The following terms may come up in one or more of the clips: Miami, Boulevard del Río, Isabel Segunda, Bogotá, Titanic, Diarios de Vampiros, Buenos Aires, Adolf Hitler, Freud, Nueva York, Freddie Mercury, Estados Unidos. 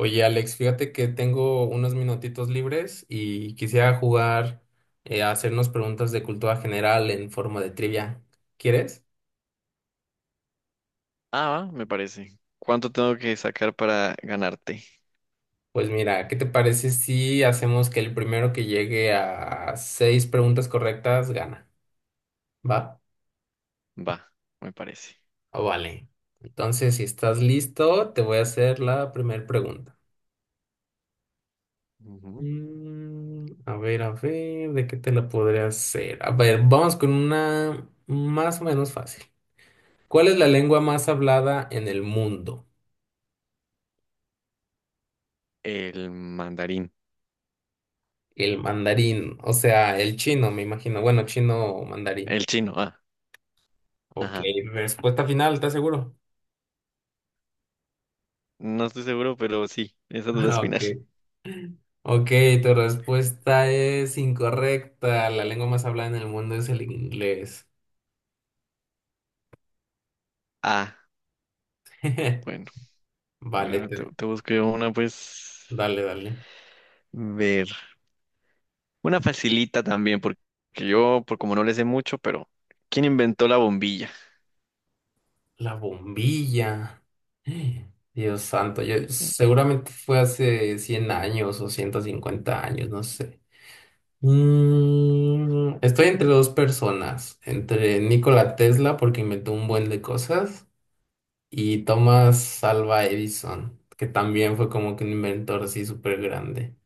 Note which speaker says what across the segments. Speaker 1: Oye, Alex, fíjate que tengo unos minutitos libres y quisiera jugar a hacernos preguntas de cultura general en forma de trivia. ¿Quieres?
Speaker 2: Ah, va, me parece. ¿Cuánto tengo que sacar para ganarte?
Speaker 1: Pues mira, ¿qué te parece si hacemos que el primero que llegue a seis preguntas correctas gana? ¿Va?
Speaker 2: Va, me parece.
Speaker 1: Oh, vale. Entonces, si estás listo, te voy a hacer la primera pregunta.
Speaker 2: Ujú.
Speaker 1: A ver, ¿de qué te la podré hacer? A ver, vamos con una más o menos fácil. ¿Cuál es la lengua más hablada en el mundo?
Speaker 2: El mandarín.
Speaker 1: El mandarín, o sea, el chino, me imagino. Bueno, chino o mandarín.
Speaker 2: El chino, ah,
Speaker 1: Ok,
Speaker 2: ajá.
Speaker 1: respuesta final, ¿estás seguro?
Speaker 2: No estoy seguro, pero sí, esa duda es final.
Speaker 1: Ok. Ok, tu respuesta es incorrecta. La lengua más hablada en el mundo es el inglés.
Speaker 2: Ah, bueno, a ver,
Speaker 1: Vale,
Speaker 2: ahora te, te busco yo una, pues,
Speaker 1: dale, dale.
Speaker 2: ver. Una facilita también, porque yo, por como no le sé mucho, pero ¿quién inventó la bombilla?
Speaker 1: La bombilla. Dios santo, yo
Speaker 2: Sí.
Speaker 1: seguramente fue hace 100 años o 150 años, no sé. Estoy entre dos personas, entre Nikola Tesla porque inventó un buen de cosas y Thomas Alva Edison, que también fue como que un inventor así súper grande.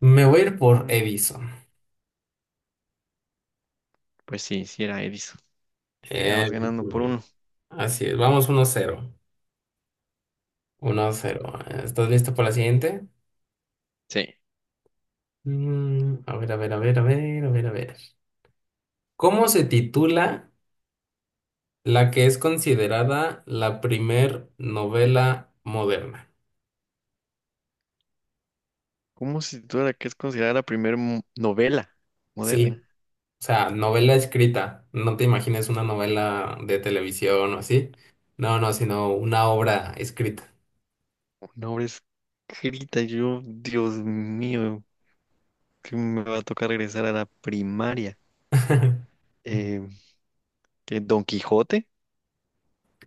Speaker 1: Me voy a ir por
Speaker 2: Mm,
Speaker 1: Edison.
Speaker 2: Pues sí, sí era Edison. Ya vas
Speaker 1: Eh,
Speaker 2: ganando por uno.
Speaker 1: así es, vamos uno cero, uno cero. ¿Estás listo para la siguiente?
Speaker 2: Sí.
Speaker 1: A ver, a ver, a ver, a ver, a ver, a ver. ¿Cómo se titula la que es considerada la primer novela moderna?
Speaker 2: ¿Cómo se titula la que es considerada la primera novela moderna?
Speaker 1: Sí. O sea, novela escrita. No te imagines una novela de televisión o así. No, no, sino una obra escrita.
Speaker 2: Nombres grita y yo, Dios mío, que me va a tocar regresar a la primaria. Eh, ¿Qué, Don Quijote?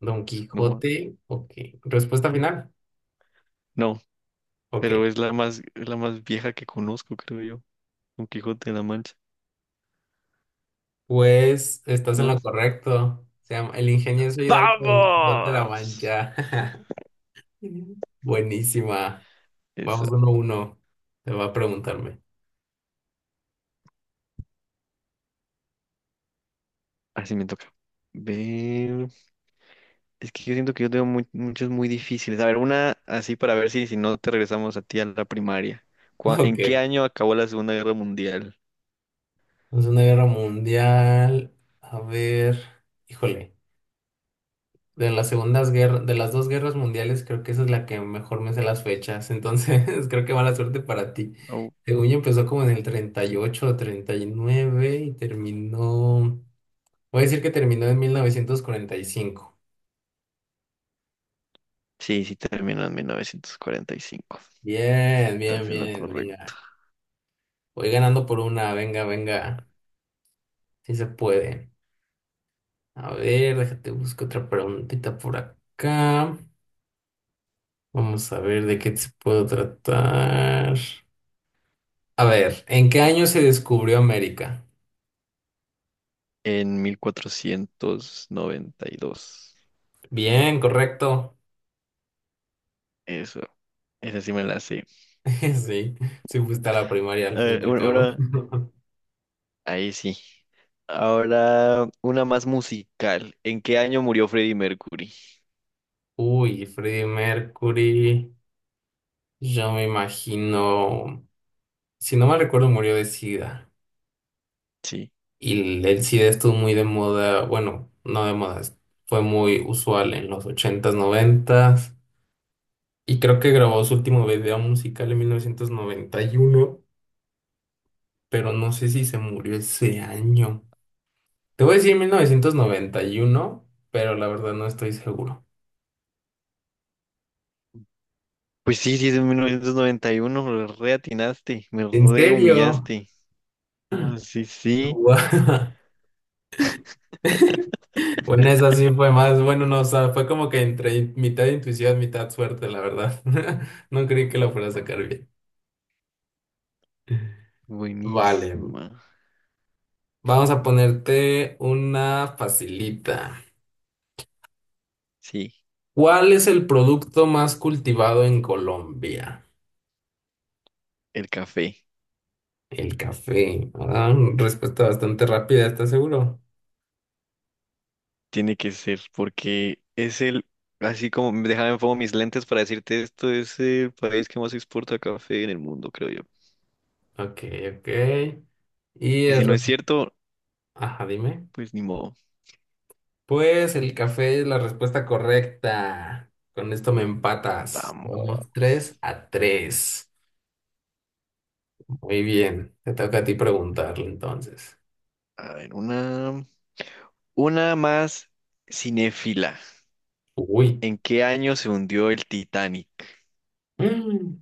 Speaker 1: Don
Speaker 2: No,
Speaker 1: Quijote, ok. Respuesta final,
Speaker 2: no,
Speaker 1: ok.
Speaker 2: pero es la más vieja que conozco, creo yo. Don Quijote de la Mancha,
Speaker 1: Pues estás en
Speaker 2: ¿no
Speaker 1: lo
Speaker 2: es?
Speaker 1: correcto. Se llama El ingenioso Hidalgo del Quijote de la
Speaker 2: ¡Vamos!
Speaker 1: Mancha. Buenísima.
Speaker 2: Eso,
Speaker 1: Vamos uno a uno. Te va a preguntarme.
Speaker 2: así me toca. Ver, es que yo siento que yo tengo muchos muy difíciles. A ver, una así para ver si, si no te regresamos a ti a la primaria.
Speaker 1: Ok.
Speaker 2: ¿En qué año acabó la Segunda Guerra Mundial?
Speaker 1: Vamos una guerra mundial. A ver. Híjole. De las segundas guerras, de las dos guerras mundiales, creo que esa es la que mejor me sé las fechas. Entonces, creo que mala suerte para ti. Según yo empezó como en el 38 o treinta y nueve y terminó. Voy a decir que terminó en mil novecientos cuarenta y cinco.
Speaker 2: Sí, sí, terminó en 1945.
Speaker 1: Bien, bien,
Speaker 2: Estás en lo
Speaker 1: bien,
Speaker 2: correcto.
Speaker 1: venga. Voy ganando por una, venga, venga. Si se puede. A ver, déjate busco otra preguntita por acá. Vamos a ver de qué se puedo tratar. A ver, ¿en qué año se descubrió América?
Speaker 2: En 1492.
Speaker 1: Bien, correcto.
Speaker 2: Eso, esa sí me la sé.
Speaker 1: Sí, sí fuiste a la primaria al
Speaker 2: A
Speaker 1: fin
Speaker 2: ver,
Speaker 1: y al
Speaker 2: ahora,
Speaker 1: cabo.
Speaker 2: ahí sí. Ahora, una más musical. ¿En qué año murió Freddie Mercury?
Speaker 1: Uy, Freddie Mercury, yo me imagino, si no mal recuerdo, murió de SIDA.
Speaker 2: Sí.
Speaker 1: Y el SIDA estuvo muy de moda, bueno, no de moda, fue muy usual en los ochentas noventas. Y creo que grabó su último video musical en 1991, pero no sé si se murió ese año. Te voy a decir 1991, pero la verdad no estoy seguro.
Speaker 2: Pues sí, sí, es en 1991. Me re atinaste, me
Speaker 1: ¿En
Speaker 2: re
Speaker 1: serio?
Speaker 2: humillaste. Ah, sí, sí.
Speaker 1: Guau. Bueno, esa sí fue más, bueno, no, o sea, fue como que entre mitad intuición, mitad suerte, la verdad. No creí que la fuera a sacar bien. Vale,
Speaker 2: Buenísima.
Speaker 1: vamos a ponerte una facilita.
Speaker 2: Sí,
Speaker 1: ¿Cuál es el producto más cultivado en Colombia?
Speaker 2: el café.
Speaker 1: El café. Ah, respuesta bastante rápida, ¿estás seguro?
Speaker 2: Tiene que ser, porque es el, así como, déjame pongo mis lentes para decirte esto, es el país que más exporta café en el mundo, creo yo.
Speaker 1: Ok, ok. Y
Speaker 2: Y si
Speaker 1: el...
Speaker 2: no es cierto,
Speaker 1: Ajá, dime.
Speaker 2: pues ni modo.
Speaker 1: Pues el café es la respuesta correcta. Con esto me empatas.
Speaker 2: Vamos,
Speaker 1: Vamos tres a tres. Muy bien. Te toca a ti preguntarle entonces.
Speaker 2: a ver, una más cinéfila.
Speaker 1: Uy.
Speaker 2: ¿En qué año se hundió el Titanic?
Speaker 1: Mm,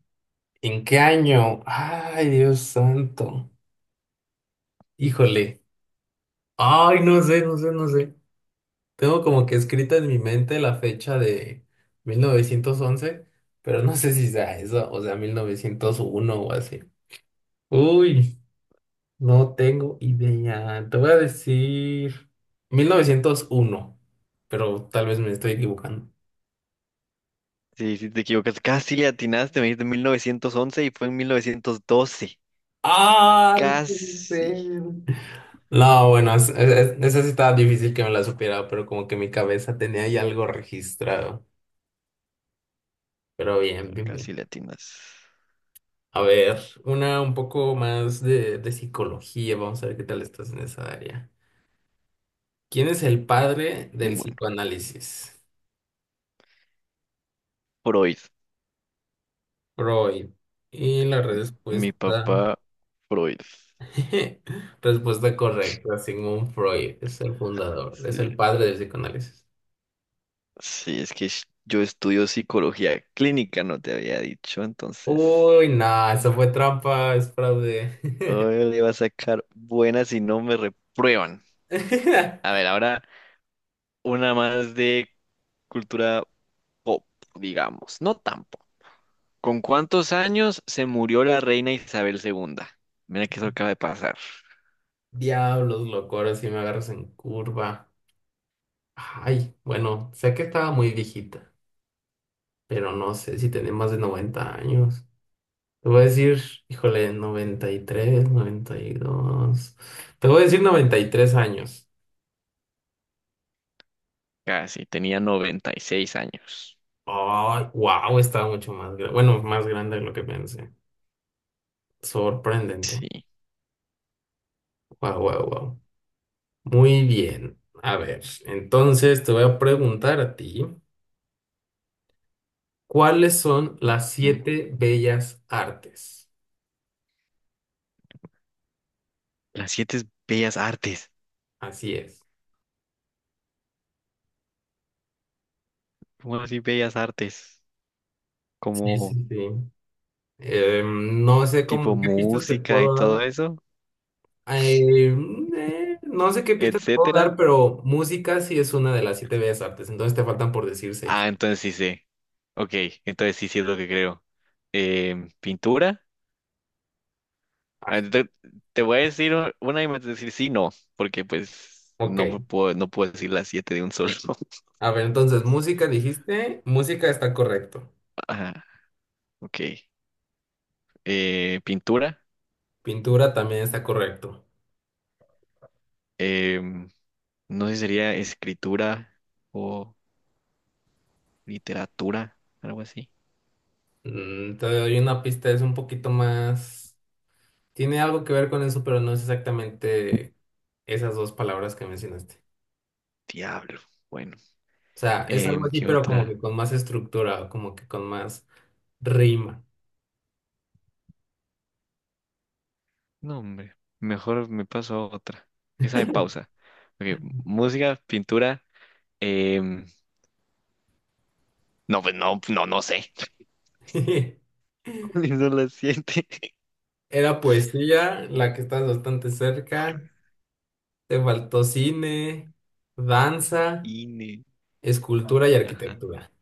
Speaker 1: ¿En qué año? Ay, Dios santo. Híjole. Ay, no sé, no sé, no sé. Tengo como que escrita en mi mente la fecha de 1911, pero no sé si sea eso, o sea, 1901 o así. Uy. No tengo idea. Te voy a decir 1901, pero tal vez me estoy equivocando.
Speaker 2: Sí, sí, te equivocas. Casi le atinaste, me dijiste 1911 y fue en 1912.
Speaker 1: ¡Ah! No puede
Speaker 2: Casi,
Speaker 1: ser. No, bueno, esa sí estaba difícil que me la supiera, pero como que mi cabeza tenía ya algo registrado. Pero bien,
Speaker 2: pero
Speaker 1: bien,
Speaker 2: casi
Speaker 1: bien.
Speaker 2: le atinas.
Speaker 1: A ver, una un poco más de psicología. Vamos a ver qué tal estás en esa área. ¿Quién es el padre del
Speaker 2: Bueno,
Speaker 1: psicoanálisis?
Speaker 2: Freud,
Speaker 1: Freud. Y la
Speaker 2: mi
Speaker 1: respuesta
Speaker 2: papá Freud.
Speaker 1: respuesta correcta, Sigmund Freud es el fundador, es
Speaker 2: Sí,
Speaker 1: el padre del psicoanálisis.
Speaker 2: sí, es que yo estudio psicología clínica, no te había dicho, entonces
Speaker 1: Uy, nah, eso fue trampa, es fraude.
Speaker 2: hoy le va a sacar buenas si no me reprueban. A ver, ahora una más de cultura pop, digamos, no tampoco. ¿Con cuántos años se murió la reina Isabel segunda? Mira que eso acaba de pasar.
Speaker 1: Diablos, loco, ahora sí me agarras en curva. Ay, bueno, sé que estaba muy viejita, pero no sé si tenía más de 90 años. Te voy a decir, híjole, noventa noventa y tres noventa y dos. Te voy a decir 93 años.
Speaker 2: Casi, tenía 96 años.
Speaker 1: Ay, wow, estaba mucho más grande. Bueno, más grande de lo que pensé. Sorprendente.
Speaker 2: Sí.
Speaker 1: Wow, wow, wow. Muy bien. A ver, entonces te voy a preguntar a ti, ¿cuáles son las
Speaker 2: Ujú.
Speaker 1: siete bellas artes?
Speaker 2: Las siete es bellas artes.
Speaker 1: Así es.
Speaker 2: ¿Cómo así bellas artes?
Speaker 1: Sí,
Speaker 2: Como
Speaker 1: sí, sí. No sé
Speaker 2: tipo
Speaker 1: cómo, qué pistas te
Speaker 2: música y
Speaker 1: puedo
Speaker 2: todo
Speaker 1: dar.
Speaker 2: eso.
Speaker 1: Eh, no sé qué pistas te puedo
Speaker 2: Etcétera.
Speaker 1: dar, pero música sí es una de las siete bellas artes, entonces te faltan por decir seis.
Speaker 2: Ah, entonces sí sé. Ok, entonces sí, sí es lo que creo. Pintura. Ah,
Speaker 1: Ah,
Speaker 2: Te voy a decir una y me vas a decir sí, no, porque pues
Speaker 1: ok.
Speaker 2: no me puedo, no puedo decir las siete de un solo.
Speaker 1: A ver, entonces, música dijiste, música está correcto.
Speaker 2: Ajá, ok. Pintura.
Speaker 1: Pintura también está correcto.
Speaker 2: Em, no sé si sería escritura o literatura, algo así.
Speaker 1: Te doy una pista, es un poquito más... Tiene algo que ver con eso, pero no es exactamente esas dos palabras que mencionaste.
Speaker 2: Diablo. Bueno,
Speaker 1: O sea, es algo así,
Speaker 2: ¿qué
Speaker 1: pero como que
Speaker 2: otra?
Speaker 1: con más estructura, como que con más rima.
Speaker 2: No, hombre, mejor me paso a otra. Esa de pausa. Ok, música, pintura. em, No, pues no, no, no sé. ¿Cuáles son las siete?
Speaker 1: Era poesía, la que estás bastante cerca. Te faltó cine, danza,
Speaker 2: Cine.
Speaker 1: escultura y
Speaker 2: Ajá.
Speaker 1: arquitectura.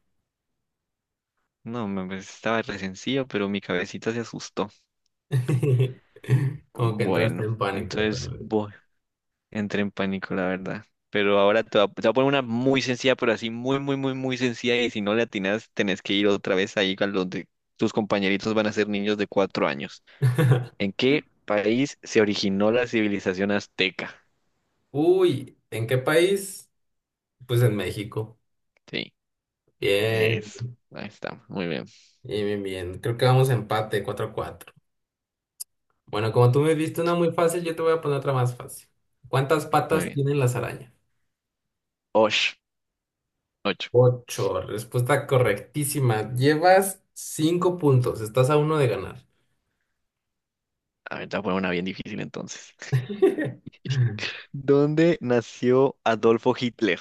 Speaker 2: No, estaba re sencillo, pero mi cabecita se asustó.
Speaker 1: Como que entraste
Speaker 2: Bueno,
Speaker 1: en pánico.
Speaker 2: entonces
Speaker 1: Realmente.
Speaker 2: voy. Entré en pánico, la verdad. Pero ahora te voy a poner una muy sencilla, pero así muy, muy, muy, muy sencilla. Y si no le atinas, tenés que ir otra vez ahí a donde tus compañeritos van a ser niños de 4 años. ¿En qué país se originó la civilización azteca?
Speaker 1: Uy, ¿en qué país? Pues en México.
Speaker 2: Sí,
Speaker 1: Bien.
Speaker 2: eso. Ahí está. Muy bien,
Speaker 1: Bien, bien, bien. Creo que vamos a empate cuatro a cuatro. Bueno, como tú me viste una muy fácil, yo te voy a poner otra más fácil. ¿Cuántas
Speaker 2: muy
Speaker 1: patas
Speaker 2: bien.
Speaker 1: tienen las arañas?
Speaker 2: Osh, ocho.
Speaker 1: Ocho. Respuesta correctísima. Llevas cinco puntos. Estás a uno de ganar.
Speaker 2: A ver, te voy a poner una bien difícil entonces. ¿Dónde nació Adolfo Hitler?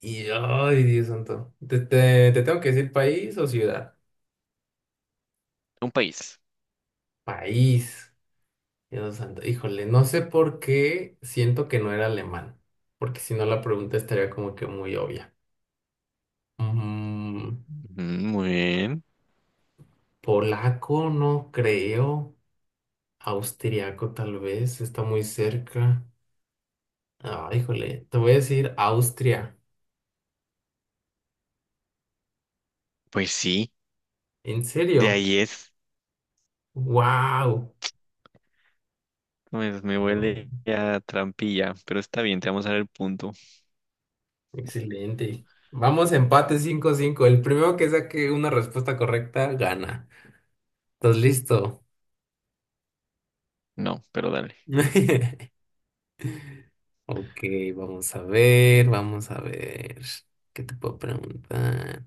Speaker 1: Y, ay, Dios santo. ¿Te, te tengo que decir país o ciudad?
Speaker 2: Un país.
Speaker 1: País. Dios santo. Híjole, no sé por qué siento que no era alemán. Porque si no, la pregunta estaría como que muy obvia.
Speaker 2: Ujú, muy bien.
Speaker 1: Polaco, no creo. Austriaco, tal vez. Está muy cerca. Ah, híjole. Te voy a decir Austria.
Speaker 2: Pues sí,
Speaker 1: ¿En
Speaker 2: de
Speaker 1: serio?
Speaker 2: ahí es.
Speaker 1: ¡Wow!
Speaker 2: Pues me huele a trampilla, pero está bien, te vamos a dar el punto.
Speaker 1: Excelente. Vamos, empate 5 cinco. El primero que saque una respuesta correcta gana. ¿Estás listo?
Speaker 2: No, pero dale.
Speaker 1: Ok, vamos a ver, vamos a ver. ¿Qué te puedo preguntar?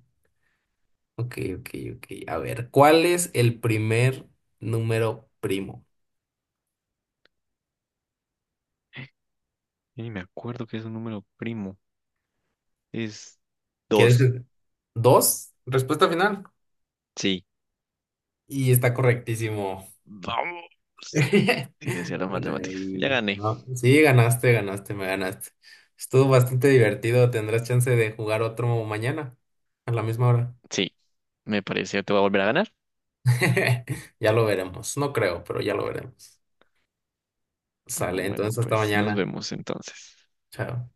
Speaker 1: Ok, ok, ok. A ver, ¿cuál es el primer número primo?
Speaker 2: Y me acuerdo que es un número primo. Es
Speaker 1: ¿Quieres?
Speaker 2: dos.
Speaker 1: Que dos, respuesta final.
Speaker 2: Sí.
Speaker 1: Y está correctísimo.
Speaker 2: Vamos. Sí, le decía las
Speaker 1: Bueno,
Speaker 2: matemáticas. Ya
Speaker 1: ahí.
Speaker 2: gané.
Speaker 1: No, sí, ganaste, ganaste, me ganaste. Estuvo bastante divertido. Tendrás chance de jugar otro mañana a la misma hora.
Speaker 2: Sí, me parece. Que ¿te voy a volver a ganar?
Speaker 1: Ya lo veremos. No creo, pero ya lo veremos. Sale,
Speaker 2: Bueno,
Speaker 1: entonces hasta
Speaker 2: pues nos
Speaker 1: mañana.
Speaker 2: vemos entonces.
Speaker 1: Chao.